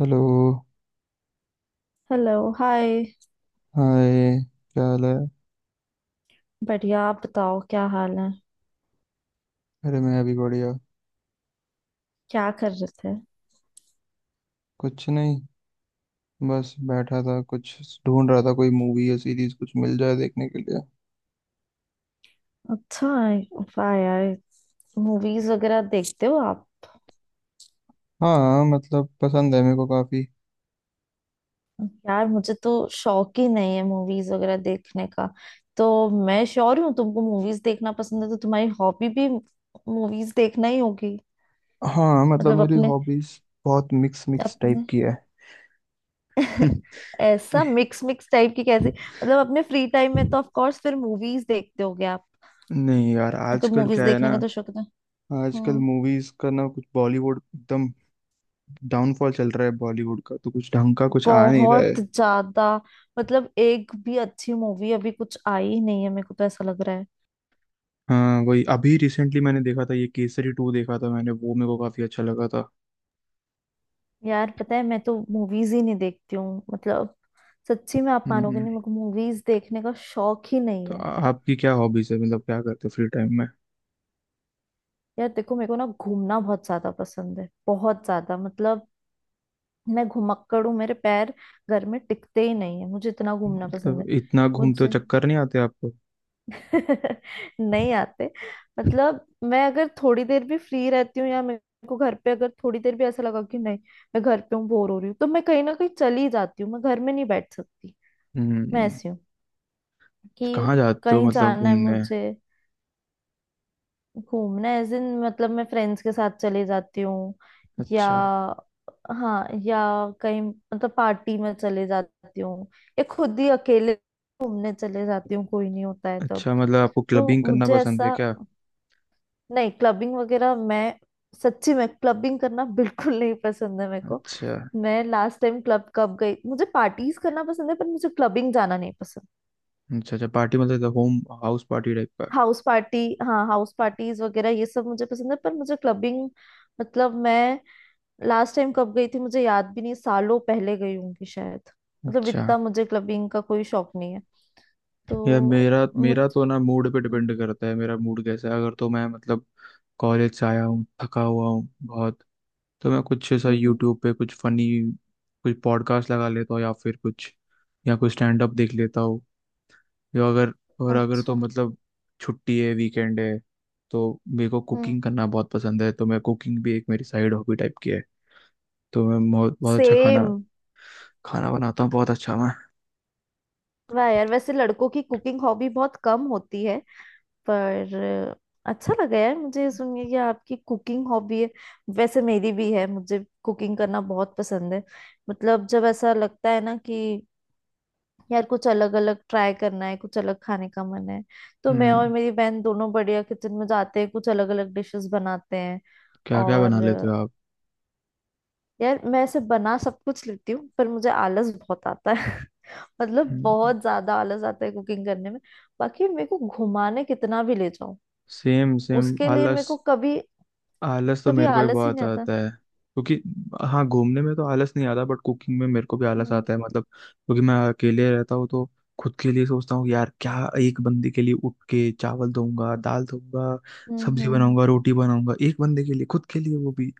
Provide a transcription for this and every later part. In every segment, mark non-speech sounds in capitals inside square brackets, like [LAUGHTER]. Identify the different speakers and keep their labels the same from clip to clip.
Speaker 1: Hello
Speaker 2: hello hi.
Speaker 1: Hi. क्या हाल है।
Speaker 2: बढ़िया, आप बताओ, क्या हाल है?
Speaker 1: अरे मैं अभी बढ़िया।
Speaker 2: क्या कर रहे थे?
Speaker 1: कुछ नहीं। बस बैठा था कुछ ढूंढ रहा था कोई मूवी या सीरीज कुछ मिल जाए देखने के लिए।
Speaker 2: अच्छा है, वाह यार। मूवीज वगैरह देखते हो आप?
Speaker 1: हाँ मतलब पसंद है मेरे को काफी।
Speaker 2: यार मुझे तो शौक ही नहीं है मूवीज वगैरह देखने का। तो मैं श्योर हूँ तुमको मूवीज देखना पसंद है, तो तुम्हारी हॉबी भी मूवीज देखना ही होगी।
Speaker 1: हाँ मतलब
Speaker 2: मतलब
Speaker 1: मेरी
Speaker 2: अपने
Speaker 1: हॉबीज बहुत मिक्स मिक्स टाइप
Speaker 2: अपने
Speaker 1: की है।
Speaker 2: [LAUGHS]
Speaker 1: [LAUGHS]
Speaker 2: ऐसा मिक्स मिक्स टाइप की कैसी? मतलब अपने फ्री टाइम में तो ऑफ कोर्स फिर मूवीज देखते होगे आप।
Speaker 1: नहीं यार
Speaker 2: अगर
Speaker 1: आजकल
Speaker 2: मूवीज
Speaker 1: क्या है
Speaker 2: देखने
Speaker 1: ना।
Speaker 2: का तो शौक है
Speaker 1: आजकल
Speaker 2: हम्म।
Speaker 1: मूवीज का ना कुछ बॉलीवुड एकदम डाउनफॉल चल रहा है बॉलीवुड का तो कुछ ढंग का कुछ आ नहीं रहा
Speaker 2: बहुत
Speaker 1: है।
Speaker 2: ज्यादा। मतलब एक भी अच्छी मूवी अभी कुछ आई ही नहीं है, मेरे को तो ऐसा लग रहा है।
Speaker 1: हाँ वही अभी रिसेंटली मैंने देखा था ये केसरी टू देखा था मैंने वो मेरे को काफी अच्छा लगा था।
Speaker 2: यार पता है, मैं तो मूवीज ही नहीं देखती हूँ मतलब। सच्ची में आप मानोगे
Speaker 1: हम्म,
Speaker 2: नहीं, मेरे को मूवीज देखने का शौक ही नहीं
Speaker 1: तो
Speaker 2: है।
Speaker 1: आपकी क्या हॉबीज है मतलब क्या करते हो फ्री टाइम में।
Speaker 2: यार देखो, मेरे को ना घूमना बहुत ज्यादा पसंद है, बहुत ज्यादा मतलब। मैं घुमक्कड़ हूँ, मेरे पैर घर में टिकते ही नहीं है, मुझे इतना घूमना पसंद है।
Speaker 1: मतलब इतना घूमते हो
Speaker 2: मुझे
Speaker 1: चक्कर नहीं आते आपको।
Speaker 2: [LAUGHS] नहीं आते। मतलब मैं अगर थोड़ी देर भी फ्री रहती हूँ, या मेरे को घर पे अगर थोड़ी देर भी ऐसा लगा कि नहीं, मैं घर पे हूँ बोर हो रही हूँ, तो मैं कहीं ना कहीं चली जाती हूँ। मैं घर में नहीं बैठ सकती। मैं
Speaker 1: हम्म।
Speaker 2: ऐसी हूँ कि
Speaker 1: कहाँ जाते हो
Speaker 2: कहीं
Speaker 1: मतलब
Speaker 2: जाना है
Speaker 1: घूमने।
Speaker 2: मुझे, घूमना है दिन। मतलब मैं फ्रेंड्स के साथ चली जाती हूँ, या
Speaker 1: अच्छा।
Speaker 2: हाँ, या कहीं मतलब पार्टी में चले जाती हूँ, या खुद ही अकेले घूमने चले जाती हूँ कोई नहीं होता है तब।
Speaker 1: अच्छा मतलब आपको
Speaker 2: तो
Speaker 1: क्लबिंग करना
Speaker 2: मुझे
Speaker 1: पसंद है
Speaker 2: ऐसा,
Speaker 1: क्या।
Speaker 2: नहीं, क्लबिंग वगैरह मैं सच्ची में क्लबिंग करना बिल्कुल नहीं पसंद है मेरे को।
Speaker 1: अच्छा।
Speaker 2: मैं लास्ट टाइम क्लब कब गई, मुझे पार्टीज करना पसंद है पर मुझे क्लबिंग जाना नहीं पसंद।
Speaker 1: अच्छा अच्छा पार्टी मतलब होम हाउस पार्टी टाइप का।
Speaker 2: हाउस पार्टी, हाँ हाउस पार्टीज वगैरह ये सब मुझे पसंद है, पर मुझे क्लबिंग मतलब मैं लास्ट टाइम कब गई थी मुझे याद भी नहीं, सालों पहले गई होंगी शायद। मतलब
Speaker 1: अच्छा।
Speaker 2: इतना मुझे क्लबिंग का कोई शौक नहीं है,
Speaker 1: यार
Speaker 2: तो
Speaker 1: मेरा मेरा
Speaker 2: मुझे।
Speaker 1: तो ना मूड पे
Speaker 2: हम्म,
Speaker 1: डिपेंड करता है मेरा मूड कैसा है अगर तो मैं मतलब। कॉलेज से आया हूँ थका हुआ हूँ बहुत। तो मैं कुछ ऐसा
Speaker 2: हम्म, हम्म।
Speaker 1: यूट्यूब पे कुछ फनी कुछ पॉडकास्ट लगा लेता हूँ या फिर कुछ या कुछ स्टैंड अप देख लेता हूँ या अगर और अगर तो
Speaker 2: अच्छा।
Speaker 1: मतलब छुट्टी है वीकेंड है। तो मेरे को
Speaker 2: हम्म।
Speaker 1: कुकिंग करना बहुत पसंद है तो मैं कुकिंग भी एक मेरी साइड हॉबी टाइप की है। तो मैं बहुत बहुत अच्छा
Speaker 2: सेम।
Speaker 1: खाना खाना बनाता हूँ बहुत अच्छा मैं।
Speaker 2: वाह यार, वैसे लड़कों की कुकिंग हॉबी बहुत कम होती है, पर अच्छा लगा यार मुझे ये सुन के कि आपकी कुकिंग हॉबी है। वैसे मेरी भी है, मुझे कुकिंग करना बहुत पसंद है। मतलब जब ऐसा लगता है ना कि यार कुछ अलग अलग ट्राई करना है, कुछ अलग खाने का मन है, तो मैं और
Speaker 1: हम्म।
Speaker 2: मेरी बहन दोनों बढ़िया किचन में जाते हैं, कुछ अलग अलग डिशेस बनाते हैं।
Speaker 1: क्या क्या बना
Speaker 2: और
Speaker 1: लेते हो आप।
Speaker 2: यार मैं ऐसे बना सब कुछ लेती हूँ, पर मुझे आलस बहुत आता है [LAUGHS] मतलब
Speaker 1: हम्म।
Speaker 2: बहुत ज्यादा आलस आता है कुकिंग करने में। बाकी मेरे को घुमाने कितना भी ले जाओ,
Speaker 1: सेम सेम
Speaker 2: उसके लिए मेरे
Speaker 1: आलस।
Speaker 2: को कभी
Speaker 1: आलस तो
Speaker 2: कभी
Speaker 1: मेरे को भी
Speaker 2: आलस ही
Speaker 1: बहुत
Speaker 2: नहीं आता।
Speaker 1: आता है क्योंकि हाँ घूमने में तो आलस नहीं आता बट कुकिंग में मेरे को भी आलस
Speaker 2: हम्म,
Speaker 1: आता है मतलब क्योंकि मैं अकेले रहता हूँ। तो खुद के लिए सोचता हूँ यार क्या। एक बंदे के लिए उठ के चावल धोऊंगा दाल धोऊंगा
Speaker 2: हम्म,
Speaker 1: सब्जी बनाऊंगा रोटी बनाऊंगा एक बंदे के लिए खुद के लिए वो भी।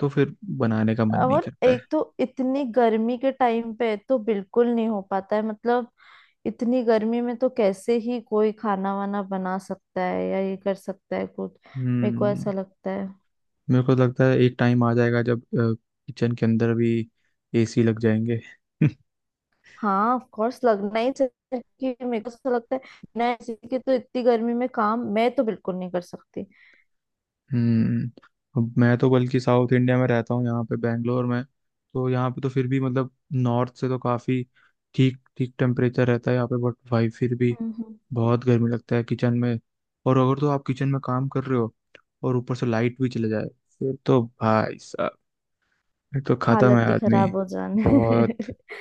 Speaker 1: तो फिर बनाने का मन नहीं
Speaker 2: और
Speaker 1: करता है।
Speaker 2: एक तो इतनी गर्मी के टाइम पे तो बिल्कुल नहीं हो पाता है मतलब। इतनी गर्मी में तो कैसे ही कोई खाना वाना बना सकता है या ये कर सकता है कुछ, मेरे को
Speaker 1: हम्म।
Speaker 2: ऐसा लगता है।
Speaker 1: मेरे को लगता है एक टाइम आ जाएगा जब किचन के अंदर भी एसी लग जाएंगे। [LAUGHS]
Speaker 2: हाँ ऑफ कोर्स, लगना ही चाहिए कि, मेरे को ऐसा लगता है। बिना एसी के तो इतनी गर्मी में काम मैं तो बिल्कुल नहीं कर सकती।
Speaker 1: हम्म। अब मैं तो बल्कि साउथ इंडिया में रहता हूँ यहाँ पे बैंगलोर में। तो यहाँ पे तो फिर भी मतलब नॉर्थ से तो काफ़ी ठीक ठीक टेम्परेचर रहता है यहाँ पे बट भाई फिर भी
Speaker 2: हम्म।
Speaker 1: बहुत गर्मी लगता है किचन में। और अगर तो आप किचन में काम कर रहे हो और ऊपर से लाइट भी चले जाए फिर तो भाई साहब फिर तो खत्म
Speaker 2: हालत
Speaker 1: है
Speaker 2: ही
Speaker 1: आदमी
Speaker 2: खराब हो जाने
Speaker 1: बहुत।
Speaker 2: [LAUGHS]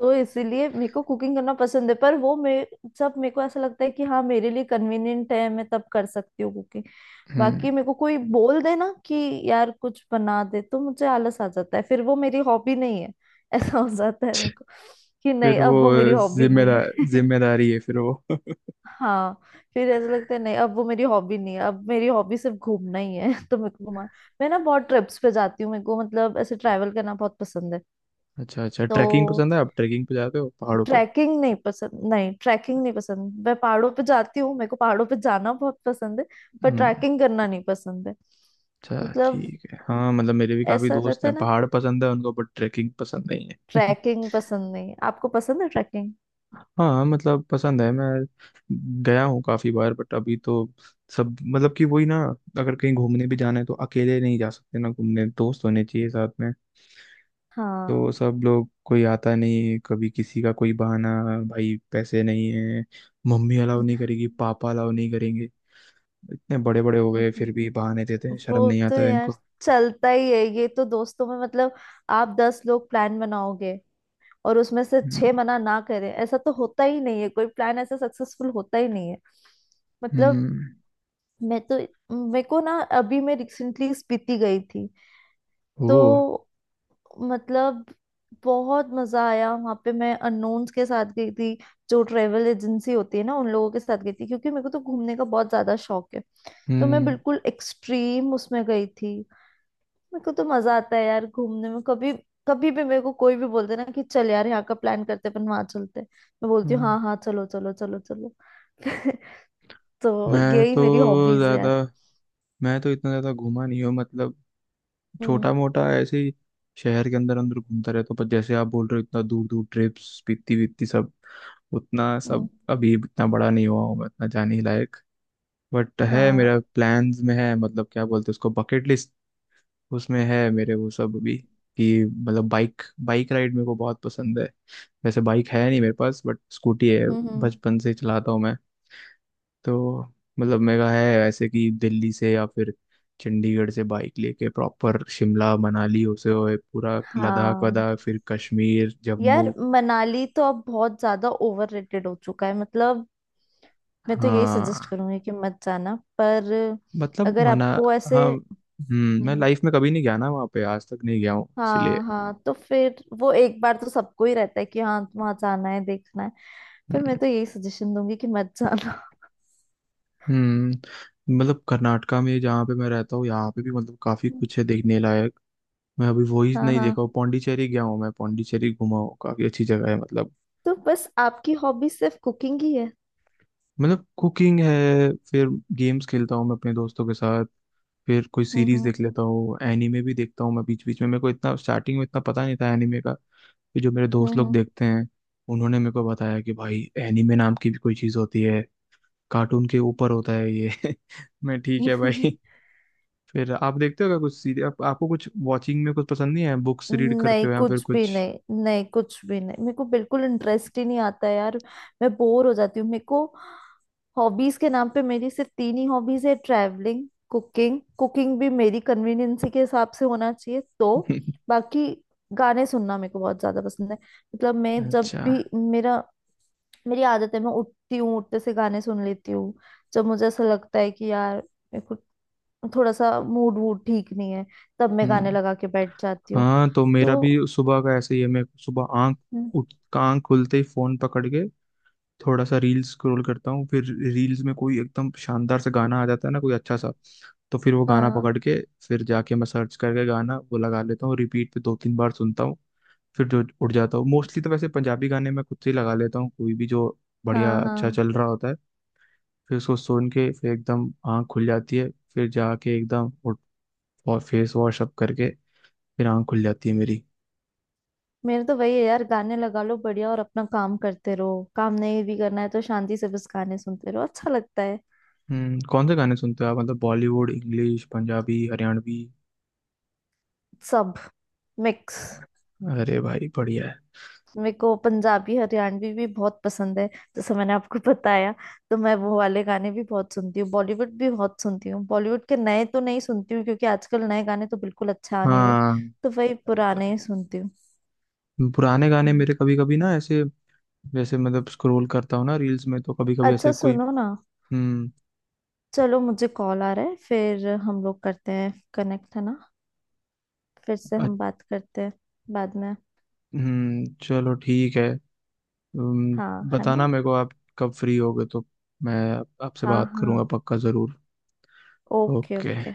Speaker 2: तो इसीलिए मेरे को कुकिंग करना पसंद है, पर वो मेरे, जब मेरे को ऐसा लगता है कि हाँ मेरे लिए कन्वीनियंट है, मैं तब कर सकती हूँ कुकिंग।
Speaker 1: हम्म।
Speaker 2: बाकी मेरे को कोई बोल दे ना कि यार कुछ बना दे, तो मुझे आलस आ जाता है, फिर वो मेरी हॉबी नहीं है [LAUGHS] ऐसा हो जाता है मेरे को कि नहीं,
Speaker 1: फिर वो
Speaker 2: अब वो मेरी हॉबी नहीं
Speaker 1: जिम्मेदार
Speaker 2: है [LAUGHS]
Speaker 1: जिम्मेदारी है फिर वो। [LAUGHS]
Speaker 2: हाँ, फिर ऐसा लगता है नहीं अब वो मेरी हॉबी नहीं है, अब मेरी हॉबी सिर्फ घूमना ही है [LAUGHS] तो मेरे को घुमा, मैं ना बहुत ट्रिप्स पे जाती हूँ, मेरे को मतलब ऐसे ट्रैवल करना बहुत पसंद है
Speaker 1: अच्छा अच्छा
Speaker 2: तो।
Speaker 1: ट्रैकिंग पसंद है आप ट्रैकिंग पे जाते हो पहाड़ों
Speaker 2: ट्रैकिंग नहीं पसंद, नहीं ट्रैकिंग नहीं पसंद, मैं पहाड़ों पे जाती हूँ, मेरे को पहाड़ों पे जाना बहुत पसंद है, पर
Speaker 1: पे।
Speaker 2: ट्रैकिंग करना नहीं पसंद है।
Speaker 1: अच्छा
Speaker 2: मतलब
Speaker 1: ठीक है हाँ मतलब मेरे भी काफी
Speaker 2: ऐसा
Speaker 1: दोस्त
Speaker 2: रहता
Speaker 1: हैं
Speaker 2: है ना,
Speaker 1: पहाड़ पसंद है उनको बट ट्रैकिंग पसंद नहीं है।
Speaker 2: ट्रैकिंग पसंद नहीं, आपको पसंद है ट्रैकिंग?
Speaker 1: [LAUGHS] हाँ मतलब पसंद है मैं गया हूँ काफी बार बट अभी तो सब मतलब कि वही ना। अगर कहीं घूमने भी जाना है तो अकेले नहीं जा सकते ना घूमने दोस्त होने चाहिए साथ में। तो
Speaker 2: हाँ।
Speaker 1: सब लोग कोई आता नहीं कभी किसी का कोई बहाना। भाई पैसे नहीं है। मम्मी अलाउ नहीं करेगी पापा अलाउ नहीं करेंगे। इतने बड़े बड़े हो गए फिर भी बहाने देते हैं शर्म
Speaker 2: वो
Speaker 1: नहीं
Speaker 2: तो
Speaker 1: आता है
Speaker 2: यार
Speaker 1: इनको।
Speaker 2: चलता ही है ये तो दोस्तों में मतलब। आप दस लोग प्लान बनाओगे और उसमें से
Speaker 1: हम्म
Speaker 2: छह मना ना करें, ऐसा तो होता ही नहीं है, कोई प्लान ऐसा सक्सेसफुल होता ही नहीं है। मतलब,
Speaker 1: हम्म।
Speaker 2: मैं तो, मेरे को ना, अभी मैं रिसेंटली स्पीति गई थी
Speaker 1: वो
Speaker 2: तो, मतलब बहुत मजा आया वहां पे। मैं अननोन्स के साथ गई थी, जो ट्रेवल एजेंसी होती है ना उन लोगों के साथ गई थी क्योंकि मेरे को तो घूमने का बहुत ज्यादा शौक है। तो मैं
Speaker 1: हम्म
Speaker 2: बिल्कुल एक्सट्रीम उसमें गई थी। मेरे को तो मजा आता है यार घूमने में। कभी कभी भी मेरे को कोई भी बोलते ना कि चल यार यहाँ का प्लान करते हैं, अपन वहां चलते हैं। मैं बोलती हूँ
Speaker 1: हम्म।
Speaker 2: हाँ हाँ, चलो चलो चलो चलो [LAUGHS] तो
Speaker 1: मैं
Speaker 2: यही मेरी
Speaker 1: तो
Speaker 2: हॉबीज है
Speaker 1: ज्यादा
Speaker 2: यार।
Speaker 1: मैं तो इतना ज्यादा घूमा नहीं हूँ मतलब।
Speaker 2: हम्म,
Speaker 1: छोटा मोटा ऐसे ही शहर के अंदर अंदर घूमता रहता हूँ पर जैसे आप बोल रहे हो इतना दूर दूर ट्रिप्स पीती वीती सब उतना सब
Speaker 2: हम्म।
Speaker 1: अभी इतना बड़ा नहीं हुआ हूँ मैं इतना जाने लायक। बट है
Speaker 2: हाँ।
Speaker 1: मेरा प्लान्स में है मतलब क्या बोलते हैं उसको बकेट लिस्ट उसमें है मेरे वो सब अभी कि मतलब बाइक बाइक राइड मेरे को बहुत पसंद है। वैसे बाइक है नहीं मेरे पास बट स्कूटी है
Speaker 2: हम्म, हम्म।
Speaker 1: बचपन से ही चलाता हूँ मैं। तो मतलब मेरा है ऐसे कि दिल्ली से या फिर चंडीगढ़ से बाइक लेके प्रॉपर शिमला मनाली होते हुए पूरा लद्दाख
Speaker 2: हाँ
Speaker 1: वदाख फिर कश्मीर जम्मू।
Speaker 2: यार, मनाली तो अब बहुत ज्यादा ओवररेटेड हो चुका है मतलब। मैं तो यही सजेस्ट
Speaker 1: हाँ
Speaker 2: करूंगी कि मत जाना, पर
Speaker 1: मतलब
Speaker 2: अगर
Speaker 1: मना।
Speaker 2: आपको ऐसे।
Speaker 1: हाँ मैं
Speaker 2: हम्म।
Speaker 1: लाइफ में कभी नहीं गया ना वहाँ पे आज तक नहीं गया हूँ इसलिए।
Speaker 2: हाँ हाँ, तो फिर वो एक बार तो सबको ही रहता है कि हाँ वहां जाना है देखना है, पर मैं
Speaker 1: हम्म
Speaker 2: तो यही सजेशन दूंगी कि मत जाना।
Speaker 1: हम्म। मतलब कर्नाटका में जहाँ पे मैं रहता हूँ यहाँ पे भी मतलब काफी
Speaker 2: हम्म।
Speaker 1: कुछ है देखने लायक। मैं अभी वही
Speaker 2: हाँ
Speaker 1: नहीं देखा
Speaker 2: हाँ,
Speaker 1: हूँ। पौंडीचेरी गया हूँ मैं पौंडीचेरी घुमा हूँ काफी अच्छी जगह है मतलब।
Speaker 2: तो बस आपकी हॉबी सिर्फ कुकिंग ही है?
Speaker 1: मतलब कुकिंग है। फिर गेम्स खेलता हूँ मैं अपने दोस्तों के साथ। फिर कोई सीरीज
Speaker 2: हम्म,
Speaker 1: देख लेता हूँ एनीमे भी देखता हूँ मैं बीच बीच में। मेरे को इतना स्टार्टिंग में इतना पता नहीं था एनीमे का फिर जो मेरे दोस्त लोग
Speaker 2: हम्म,
Speaker 1: देखते हैं उन्होंने मेरे को बताया कि भाई एनीमे नाम की भी कोई चीज़ होती है। कार्टून के ऊपर होता है ये। [LAUGHS] मैं ठीक है
Speaker 2: हम्म।
Speaker 1: भाई।
Speaker 2: [LAUGHS]
Speaker 1: फिर आप देखते हो क्या कुछ सीरीज आपको कुछ वॉचिंग में कुछ पसंद नहीं है बुक्स रीड करते
Speaker 2: नहीं
Speaker 1: हो या फिर
Speaker 2: कुछ भी
Speaker 1: कुछ।
Speaker 2: नहीं, नहीं कुछ भी नहीं, मेरे को बिल्कुल इंटरेस्ट ही नहीं आता यार, मैं बोर हो जाती हूँ मेरे को। हॉबीज के नाम पे मेरी सिर्फ तीन ही हॉबीज है, ट्रैवलिंग, कुकिंग, कुकिंग भी मेरी कन्वीनियंस के हिसाब से होना चाहिए तो।
Speaker 1: [LAUGHS]
Speaker 2: बाकी गाने सुनना मेरे को बहुत ज्यादा पसंद है। मतलब मैं जब
Speaker 1: अच्छा।
Speaker 2: भी, मेरा, मेरी आदत है मैं उठती हूँ उठते से गाने सुन लेती हूँ। जब मुझे ऐसा लगता है कि यार, मेरे को थोड़ा सा मूड वूड ठीक नहीं है, तब मैं गाने
Speaker 1: हम्म।
Speaker 2: लगा के बैठ जाती हूँ
Speaker 1: हाँ तो मेरा भी
Speaker 2: तो।
Speaker 1: सुबह का ऐसे ही है मैं सुबह आंख खुलते ही फोन पकड़ के थोड़ा सा रील्स स्क्रॉल करता हूँ। फिर रील्स में कोई एकदम शानदार सा गाना आ जाता है ना कोई अच्छा सा। तो फिर वो गाना
Speaker 2: हाँ,
Speaker 1: पकड़ के फिर जाके मैं सर्च करके गाना वो लगा लेता हूँ रिपीट पे 2-3 बार सुनता हूँ। फिर जो उठ जाता हूँ मोस्टली। तो वैसे पंजाबी गाने मैं खुद से ही लगा लेता हूँ कोई भी जो बढ़िया
Speaker 2: हाँ,
Speaker 1: अच्छा
Speaker 2: हाँ।
Speaker 1: चल रहा होता है। फिर उसको सुन के फिर एकदम आँख खुल जाती है। फिर जाके एकदम फेस वॉश अप करके फिर आँख खुल जाती है मेरी।
Speaker 2: मेरे तो वही है यार, गाने लगा लो बढ़िया और अपना काम करते रहो, काम नहीं भी करना है तो शांति से बस गाने सुनते रहो, अच्छा लगता है।
Speaker 1: कौन से गाने सुनते हो आप मतलब बॉलीवुड इंग्लिश पंजाबी हरियाणवी।
Speaker 2: सब मिक्स।
Speaker 1: अरे भाई बढ़िया है।
Speaker 2: मेरे को पंजाबी हरियाणवी भी बहुत पसंद है, जैसे मैंने आपको बताया, तो मैं वो वाले गाने भी बहुत सुनती हूँ, बॉलीवुड भी बहुत सुनती हूँ। बॉलीवुड के नए तो नहीं सुनती हूँ, क्योंकि आजकल नए गाने तो बिल्कुल अच्छा आ नहीं रहे,
Speaker 1: हाँ।
Speaker 2: तो वही
Speaker 1: अरे तो
Speaker 2: पुराने
Speaker 1: नहीं
Speaker 2: ही सुनती हूँ।
Speaker 1: पुराने गाने
Speaker 2: हम्म।
Speaker 1: मेरे कभी कभी ना ऐसे जैसे मतलब स्क्रॉल करता हूँ ना रील्स में तो कभी कभी ऐसे
Speaker 2: अच्छा
Speaker 1: कोई।
Speaker 2: सुनो ना,
Speaker 1: हम्म।
Speaker 2: चलो मुझे कॉल आ रहा है, फिर हम लोग करते हैं कनेक्ट, है ना? फिर से
Speaker 1: अ-
Speaker 2: हम बात करते हैं बाद में।
Speaker 1: चलो ठीक है। हम्म।
Speaker 2: हाँ है
Speaker 1: बताना
Speaker 2: ना,
Speaker 1: मेरे को आप कब फ्री होगे तो मैं आपसे
Speaker 2: हाँ
Speaker 1: बात
Speaker 2: हाँ,
Speaker 1: करूंगा पक्का जरूर।
Speaker 2: Okay
Speaker 1: okay.
Speaker 2: ओके।